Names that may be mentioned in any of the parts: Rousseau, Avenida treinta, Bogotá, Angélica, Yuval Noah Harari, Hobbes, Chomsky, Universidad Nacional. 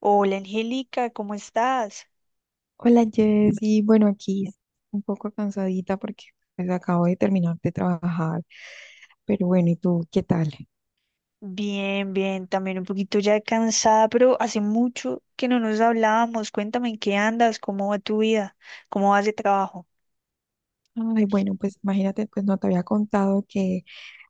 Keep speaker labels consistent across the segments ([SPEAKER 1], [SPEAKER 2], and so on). [SPEAKER 1] Hola Angélica, ¿cómo estás?
[SPEAKER 2] Hola Jessy, bueno aquí un poco cansadita porque pues acabo de terminar de trabajar, pero bueno, ¿y tú qué tal?
[SPEAKER 1] Bien, bien, también un poquito ya cansada, pero hace mucho que no nos hablábamos. Cuéntame en qué andas, cómo va tu vida, cómo vas de trabajo.
[SPEAKER 2] Ay, bueno, pues imagínate, pues no te había contado que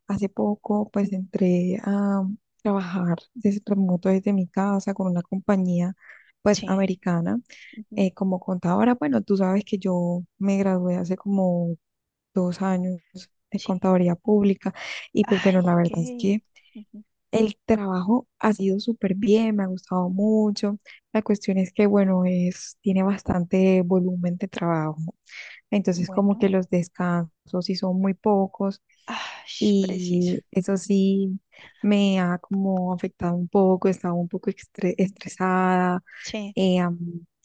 [SPEAKER 2] hace poco pues entré a trabajar desde remoto desde mi casa con una compañía pues
[SPEAKER 1] Sí,
[SPEAKER 2] americana,
[SPEAKER 1] ujú,
[SPEAKER 2] como contadora. Bueno, tú sabes que yo me gradué hace como 2 años de
[SPEAKER 1] sí.
[SPEAKER 2] contaduría pública. Y pues
[SPEAKER 1] Ay,
[SPEAKER 2] bueno, la verdad es
[SPEAKER 1] qué.
[SPEAKER 2] que
[SPEAKER 1] Ujú.
[SPEAKER 2] el trabajo ha sido súper bien, me ha gustado mucho. La cuestión es que, bueno, es, tiene bastante volumen de trabajo. Entonces, como
[SPEAKER 1] Bueno,
[SPEAKER 2] que los descansos sí son muy pocos
[SPEAKER 1] ay, preciso.
[SPEAKER 2] y eso sí me ha como afectado un poco, he estado un poco estresada,
[SPEAKER 1] Sí.
[SPEAKER 2] eh, am,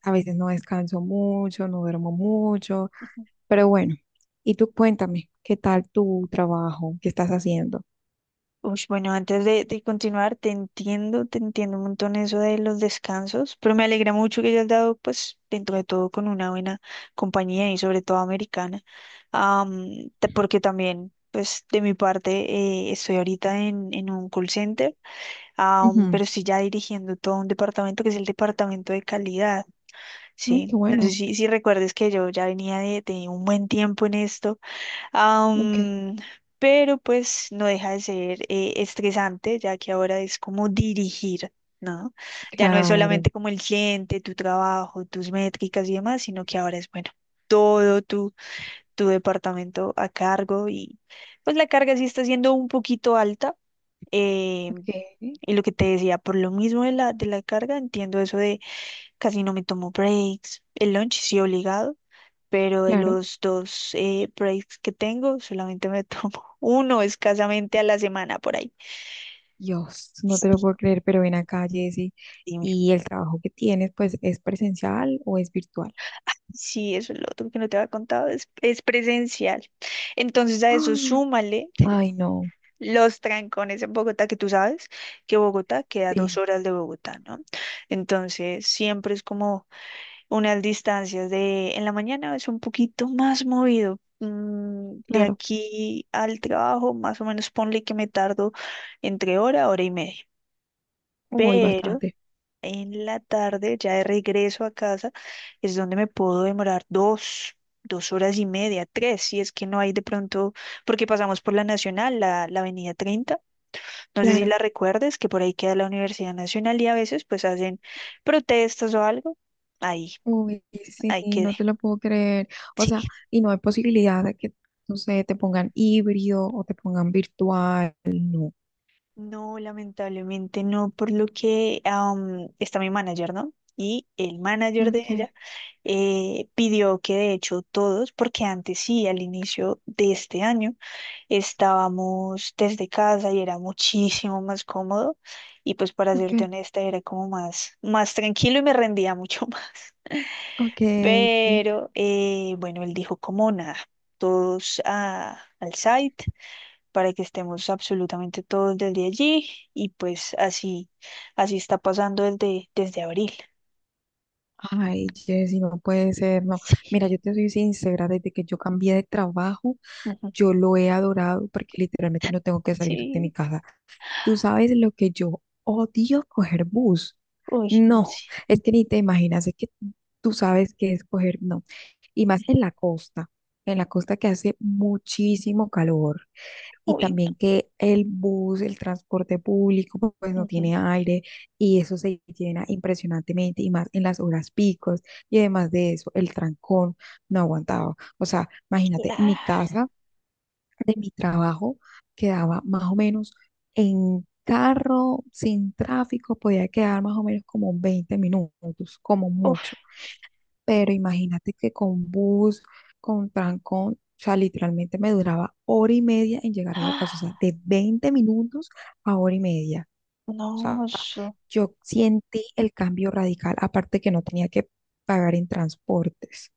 [SPEAKER 2] a veces no descanso mucho, no duermo mucho, pero bueno, y tú cuéntame, ¿qué tal tu trabajo? ¿Qué estás haciendo?
[SPEAKER 1] Ush, bueno, antes de continuar, te entiendo un montón eso de los descansos, pero me alegra mucho que hayas dado, pues, dentro de todo con una buena compañía y sobre todo americana. Porque también, pues, de mi parte, estoy ahorita en, un call center,
[SPEAKER 2] Ujú.
[SPEAKER 1] pero estoy ya dirigiendo todo un departamento que es el departamento de calidad,
[SPEAKER 2] Ay,
[SPEAKER 1] ¿sí?
[SPEAKER 2] qué
[SPEAKER 1] No sé
[SPEAKER 2] bueno.
[SPEAKER 1] si recuerdes que yo ya venía de un buen tiempo en esto.
[SPEAKER 2] Ok.
[SPEAKER 1] Am, pero pues no deja de ser estresante, ya que ahora es como dirigir, ¿no? Ya no es
[SPEAKER 2] Claro.
[SPEAKER 1] solamente como el cliente, tu trabajo, tus métricas y demás, sino que ahora es, bueno, todo tu, tu departamento a cargo y pues la carga sí está siendo un poquito alta. eh,
[SPEAKER 2] Ok,
[SPEAKER 1] y lo que te decía, por lo mismo de la carga, entiendo eso de casi no me tomo breaks, el lunch sí obligado, pero de
[SPEAKER 2] claro.
[SPEAKER 1] los dos breaks que tengo, solamente me tomo uno escasamente a la semana por ahí.
[SPEAKER 2] Dios, no te lo
[SPEAKER 1] Sí,
[SPEAKER 2] puedo creer, pero ven acá, Jessy.
[SPEAKER 1] dime.
[SPEAKER 2] ¿Y el trabajo que tienes, pues, es presencial o es virtual?
[SPEAKER 1] Sí, eso es lo otro que no te había contado, es presencial. Entonces a eso
[SPEAKER 2] ¡Ah!
[SPEAKER 1] súmale
[SPEAKER 2] Ay, no.
[SPEAKER 1] los trancones en Bogotá, que tú sabes que Bogotá queda a dos
[SPEAKER 2] Sí,
[SPEAKER 1] horas de Bogotá, ¿no? Entonces siempre es como unas distancias de en la mañana es un poquito más movido. De
[SPEAKER 2] claro.
[SPEAKER 1] aquí al trabajo, más o menos ponle que me tardo entre hora, hora y media.
[SPEAKER 2] Uy,
[SPEAKER 1] Pero
[SPEAKER 2] bastante.
[SPEAKER 1] en la tarde, ya de regreso a casa, es donde me puedo demorar dos, 2 horas y media, tres, si es que no hay de pronto, porque pasamos por la Nacional, la Avenida 30. No sé si
[SPEAKER 2] Claro.
[SPEAKER 1] la recuerdes, que por ahí queda la Universidad Nacional y a veces pues hacen protestas o algo. Ahí,
[SPEAKER 2] Uy, sí,
[SPEAKER 1] ahí quedé.
[SPEAKER 2] no te lo puedo creer. O
[SPEAKER 1] Sí.
[SPEAKER 2] sea, y no hay posibilidad de que, no sé, te pongan híbrido o te pongan virtual. No.
[SPEAKER 1] No, lamentablemente no, por lo que está mi manager, ¿no? Y el manager de ella
[SPEAKER 2] Okay,
[SPEAKER 1] pidió que de hecho todos, porque antes sí, al inicio de este año, estábamos desde casa y era muchísimo más cómodo. Y pues para serte
[SPEAKER 2] okay,
[SPEAKER 1] honesta, era como más, más tranquilo y me rendía mucho más.
[SPEAKER 2] okay.
[SPEAKER 1] Pero bueno, él dijo como nada, todos al site para que estemos absolutamente todos desde allí y pues así, así está pasando desde abril.
[SPEAKER 2] Ay, Jessy, no puede ser, no.
[SPEAKER 1] Sí,
[SPEAKER 2] Mira, yo te soy sincera, desde que yo cambié de trabajo,
[SPEAKER 1] ujú,
[SPEAKER 2] yo lo he adorado porque literalmente no tengo que salir de mi
[SPEAKER 1] sí,
[SPEAKER 2] casa. Tú sabes lo que yo odio coger bus.
[SPEAKER 1] uy, no
[SPEAKER 2] No,
[SPEAKER 1] sé,
[SPEAKER 2] es que ni te imaginas, es que tú sabes que es coger, no. Y más en la costa que hace muchísimo calor y
[SPEAKER 1] uy,
[SPEAKER 2] también que el bus, el transporte público, pues
[SPEAKER 1] no,
[SPEAKER 2] no
[SPEAKER 1] ujú,
[SPEAKER 2] tiene aire y eso se llena impresionantemente y más en las horas picos y además de eso, el trancón no aguantaba. O sea, imagínate,
[SPEAKER 1] Clara,
[SPEAKER 2] mi casa de mi trabajo quedaba más o menos en carro, sin tráfico, podía quedar más o menos como 20 minutos, como mucho.
[SPEAKER 1] uf,
[SPEAKER 2] Pero imagínate que con bus, con trancón, o sea, literalmente me duraba hora y media en llegar a la casa, o sea,
[SPEAKER 1] ah,
[SPEAKER 2] de 20 minutos a hora y media. O
[SPEAKER 1] no,
[SPEAKER 2] sea,
[SPEAKER 1] eso,
[SPEAKER 2] yo sentí el cambio radical, aparte que no tenía que pagar en transportes.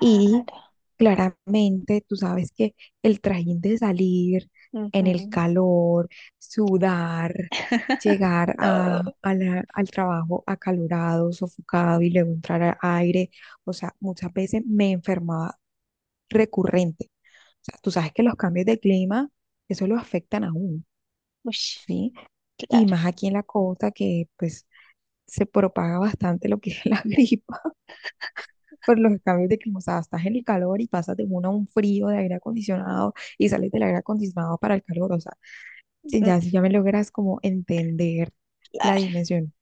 [SPEAKER 2] Y claramente tú sabes que el trajín de salir en el
[SPEAKER 1] ujú,
[SPEAKER 2] calor, sudar, llegar a,
[SPEAKER 1] no,
[SPEAKER 2] a la- al trabajo acalorado, sofocado y luego entrar al aire, o sea, muchas veces me enfermaba recurrente. O sea, tú sabes que los cambios de clima, eso lo afectan a uno,
[SPEAKER 1] uy,
[SPEAKER 2] ¿sí? Y
[SPEAKER 1] claro,
[SPEAKER 2] más aquí en la costa que pues se propaga bastante lo que es la gripa por los cambios de clima. O sea, estás en el calor y pasas de uno a un frío de aire acondicionado y sales del aire acondicionado para el calor. O sea, si
[SPEAKER 1] mm,
[SPEAKER 2] ya, si ya me logras como entender la
[SPEAKER 1] Clara,
[SPEAKER 2] dimensión.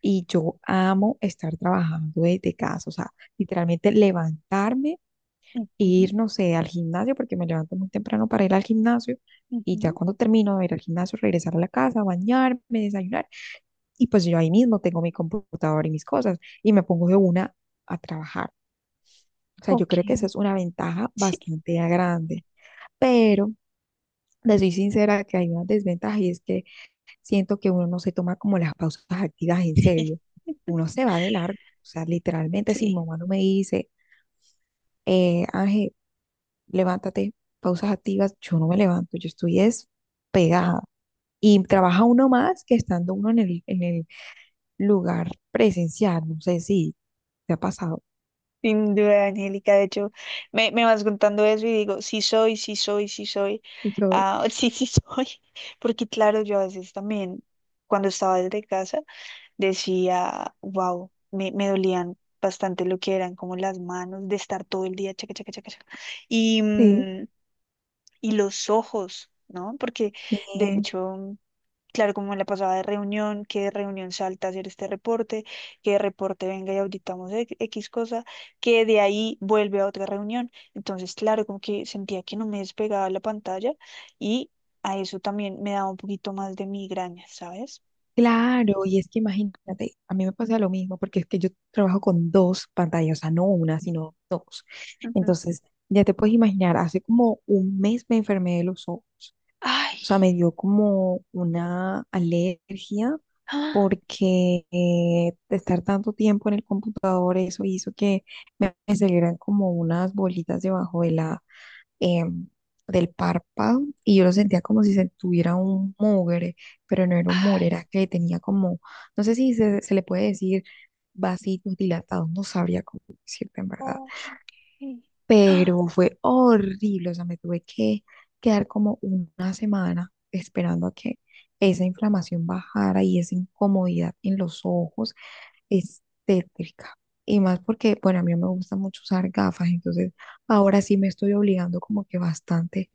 [SPEAKER 2] Y yo amo estar trabajando desde casa, o sea, literalmente levantarme e
[SPEAKER 1] ujú,
[SPEAKER 2] ir, no sé, al gimnasio, porque me levanto muy temprano para ir al gimnasio. Y ya
[SPEAKER 1] ujú,
[SPEAKER 2] cuando termino de ir al gimnasio, regresar a la casa, bañarme, desayunar. Y pues yo ahí mismo tengo mi computador y mis cosas y me pongo de una a trabajar. O sea, yo
[SPEAKER 1] ok,
[SPEAKER 2] creo que esa es una ventaja
[SPEAKER 1] sí,
[SPEAKER 2] bastante grande. Pero les soy sincera que hay una desventaja y es que siento que uno no se toma como las pausas activas en serio. Uno se va de largo. O sea, literalmente si mi
[SPEAKER 1] sí.
[SPEAKER 2] mamá no me dice, Ángel, levántate, pausas activas, yo no me levanto, yo estoy es pegada. Y trabaja uno más que estando uno en el lugar presencial. No sé si te ha pasado.
[SPEAKER 1] Sin duda, Angélica. De hecho, me vas contando eso y digo, sí soy, sí soy, sí soy.
[SPEAKER 2] Sí, soy.
[SPEAKER 1] Ah, sí, sí soy. Porque claro, yo a veces también, cuando estaba desde casa, decía, wow, me dolían bastante lo que eran como las manos de estar todo el día chaca, chaca, chaca, chaca. Y,
[SPEAKER 2] Sí,
[SPEAKER 1] y los ojos, ¿no? Porque de
[SPEAKER 2] sí,
[SPEAKER 1] hecho... Claro, como en la pasada de reunión, que de reunión salta a hacer este reporte, que de reporte venga y auditamos X cosa, que de ahí vuelve a otra reunión. Entonces, claro, como que sentía que no me despegaba la pantalla y a eso también me daba un poquito más de migraña, ¿sabes?
[SPEAKER 2] claro, y es que imagínate, a mí me pasa lo mismo, porque es que yo trabajo con dos pantallas, o sea, no una, sino dos.
[SPEAKER 1] Ujú.
[SPEAKER 2] Entonces, ya te puedes imaginar, hace como un mes me enfermé de los ojos,
[SPEAKER 1] Ay,
[SPEAKER 2] o sea, me dio como una alergia,
[SPEAKER 1] ah,
[SPEAKER 2] porque de estar tanto tiempo en el computador, eso hizo que me salieran como unas bolitas debajo de em, del párpado y yo lo sentía como si se tuviera un mugre, pero no era un mugre,
[SPEAKER 1] ay,
[SPEAKER 2] era que tenía como, no sé si se le puede decir vasitos dilatados, no sabría cómo decirte en verdad,
[SPEAKER 1] oh, ok. Ah,
[SPEAKER 2] pero fue horrible, o sea, me tuve que quedar como una semana esperando a que esa inflamación bajara y esa incomodidad en los ojos es tétrica. Y más porque, bueno, a mí no me gusta mucho usar gafas, entonces ahora sí me estoy obligando como que bastante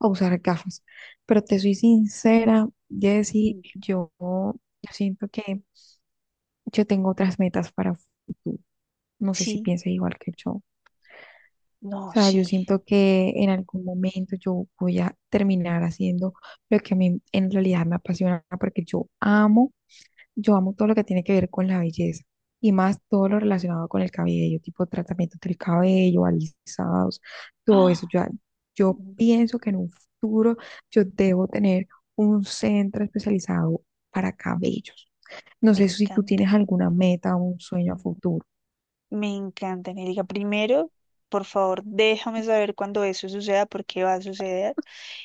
[SPEAKER 2] a usar gafas. Pero te soy sincera, Jessy,
[SPEAKER 1] dime.
[SPEAKER 2] yo siento que yo tengo otras metas para futuro. No sé si
[SPEAKER 1] Sí,
[SPEAKER 2] piensas igual que yo. O
[SPEAKER 1] no,
[SPEAKER 2] sea,
[SPEAKER 1] sí.
[SPEAKER 2] yo siento que en algún momento yo voy a terminar haciendo lo que a mí en realidad me apasiona, porque yo amo todo lo que tiene que ver con la belleza y más todo lo relacionado con el cabello, tipo tratamientos del cabello, alisados, todo eso.
[SPEAKER 1] Ah,
[SPEAKER 2] Yo
[SPEAKER 1] mm,
[SPEAKER 2] pienso que en un futuro yo debo tener un centro especializado para cabellos. No
[SPEAKER 1] me
[SPEAKER 2] sé si tú
[SPEAKER 1] encanta.
[SPEAKER 2] tienes alguna meta o un sueño a futuro.
[SPEAKER 1] Me encanta, Angélica. Primero, por favor, déjame saber cuándo eso suceda, porque va a suceder.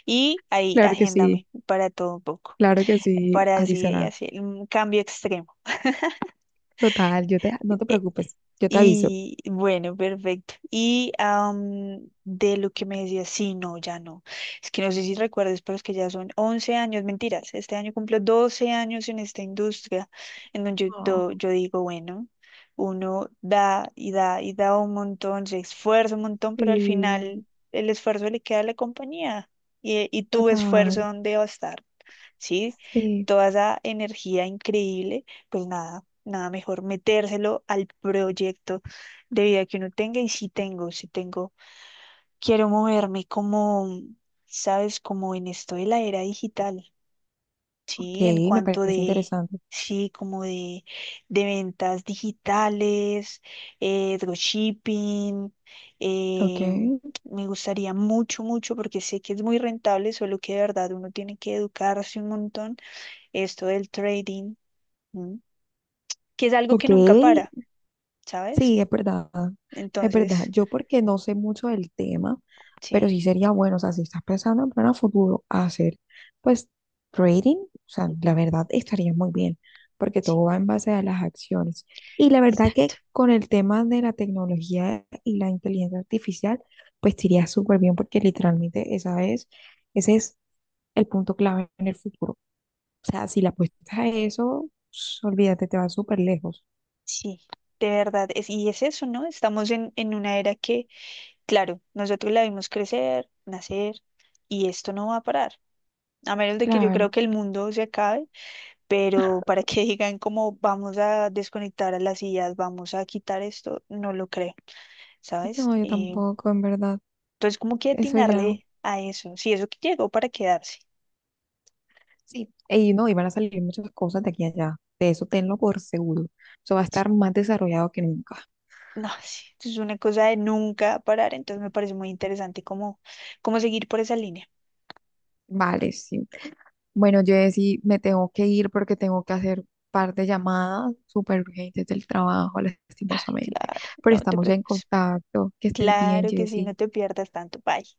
[SPEAKER 1] Y ahí,
[SPEAKER 2] Claro que sí,
[SPEAKER 1] agéndame para todo un poco,
[SPEAKER 2] claro que sí,
[SPEAKER 1] para
[SPEAKER 2] así
[SPEAKER 1] así,
[SPEAKER 2] será.
[SPEAKER 1] así, un cambio extremo.
[SPEAKER 2] Total, yo te, no te preocupes, yo te aviso.
[SPEAKER 1] Y bueno, perfecto. Y de lo que me decías, sí, no, ya no. Es que no sé si recuerdas, pero es que ya son 11 años, mentiras. Este año cumplo 12 años en esta industria, en donde
[SPEAKER 2] Wow,
[SPEAKER 1] yo digo, bueno, uno da y da y da un montón, se esfuerza un montón, pero al
[SPEAKER 2] sí,
[SPEAKER 1] final el esfuerzo le queda a la compañía. Y tu esfuerzo,
[SPEAKER 2] total,
[SPEAKER 1] ¿dónde va a estar? ¿Sí?
[SPEAKER 2] sí.
[SPEAKER 1] Toda esa energía increíble, pues nada, nada mejor metérselo al proyecto de vida que uno tenga y si tengo, quiero moverme como, sabes, como en esto de la era digital,
[SPEAKER 2] Ok,
[SPEAKER 1] ¿sí? En
[SPEAKER 2] me
[SPEAKER 1] cuanto
[SPEAKER 2] parece
[SPEAKER 1] de,
[SPEAKER 2] interesante.
[SPEAKER 1] sí, como de, ventas digitales, dropshipping.
[SPEAKER 2] Ok.
[SPEAKER 1] eh, Me gustaría mucho, mucho, porque sé que es muy rentable, solo que de verdad uno tiene que educarse un montón, esto del trading, ¿m? Que es algo que
[SPEAKER 2] Ok,
[SPEAKER 1] nunca para, ¿sabes?
[SPEAKER 2] sí, es verdad, es verdad.
[SPEAKER 1] Entonces,
[SPEAKER 2] Yo porque no sé mucho del tema,
[SPEAKER 1] sí,
[SPEAKER 2] pero sí sería bueno, o sea, si estás pensando en plan a futuro, hacer pues trading, o sea, la
[SPEAKER 1] ujú,
[SPEAKER 2] verdad estaría muy bien, porque
[SPEAKER 1] sí,
[SPEAKER 2] todo va en base a las acciones. Y la verdad
[SPEAKER 1] exacto,
[SPEAKER 2] que con el tema de la tecnología y la inteligencia artificial, pues te iría súper bien, porque literalmente ese es el punto clave en el futuro. O sea, si la apuestas a eso, olvídate, te vas súper lejos.
[SPEAKER 1] sí, de verdad, es, y es eso, ¿no? Estamos en una era que, claro, nosotros la vimos crecer, nacer, y esto no va a parar, a menos de que yo
[SPEAKER 2] Claro.
[SPEAKER 1] creo que el mundo se acabe, pero para que digan cómo vamos a desconectar a las sillas, vamos a quitar esto, no lo creo, ¿sabes?
[SPEAKER 2] No, yo
[SPEAKER 1] Eh,
[SPEAKER 2] tampoco, en verdad.
[SPEAKER 1] entonces, ¿cómo que
[SPEAKER 2] Eso ya.
[SPEAKER 1] atinarle a eso? Sí, eso que llegó para quedarse.
[SPEAKER 2] Sí. Y no, y van a salir muchas cosas de aquí a allá. De eso tenlo por seguro. Eso va a estar más desarrollado que nunca.
[SPEAKER 1] No, sí, esto es una cosa de nunca parar, entonces me parece muy interesante cómo, cómo seguir por esa línea.
[SPEAKER 2] Vale, sí. Bueno, yo sí me tengo que ir porque tengo que hacer par de llamadas súper urgentes del trabajo, lastimosamente.
[SPEAKER 1] Claro,
[SPEAKER 2] Pero
[SPEAKER 1] no te
[SPEAKER 2] estamos en
[SPEAKER 1] preocupes.
[SPEAKER 2] contacto. Que estés bien,
[SPEAKER 1] Claro que sí,
[SPEAKER 2] Jessy.
[SPEAKER 1] no te pierdas tanto. Bye.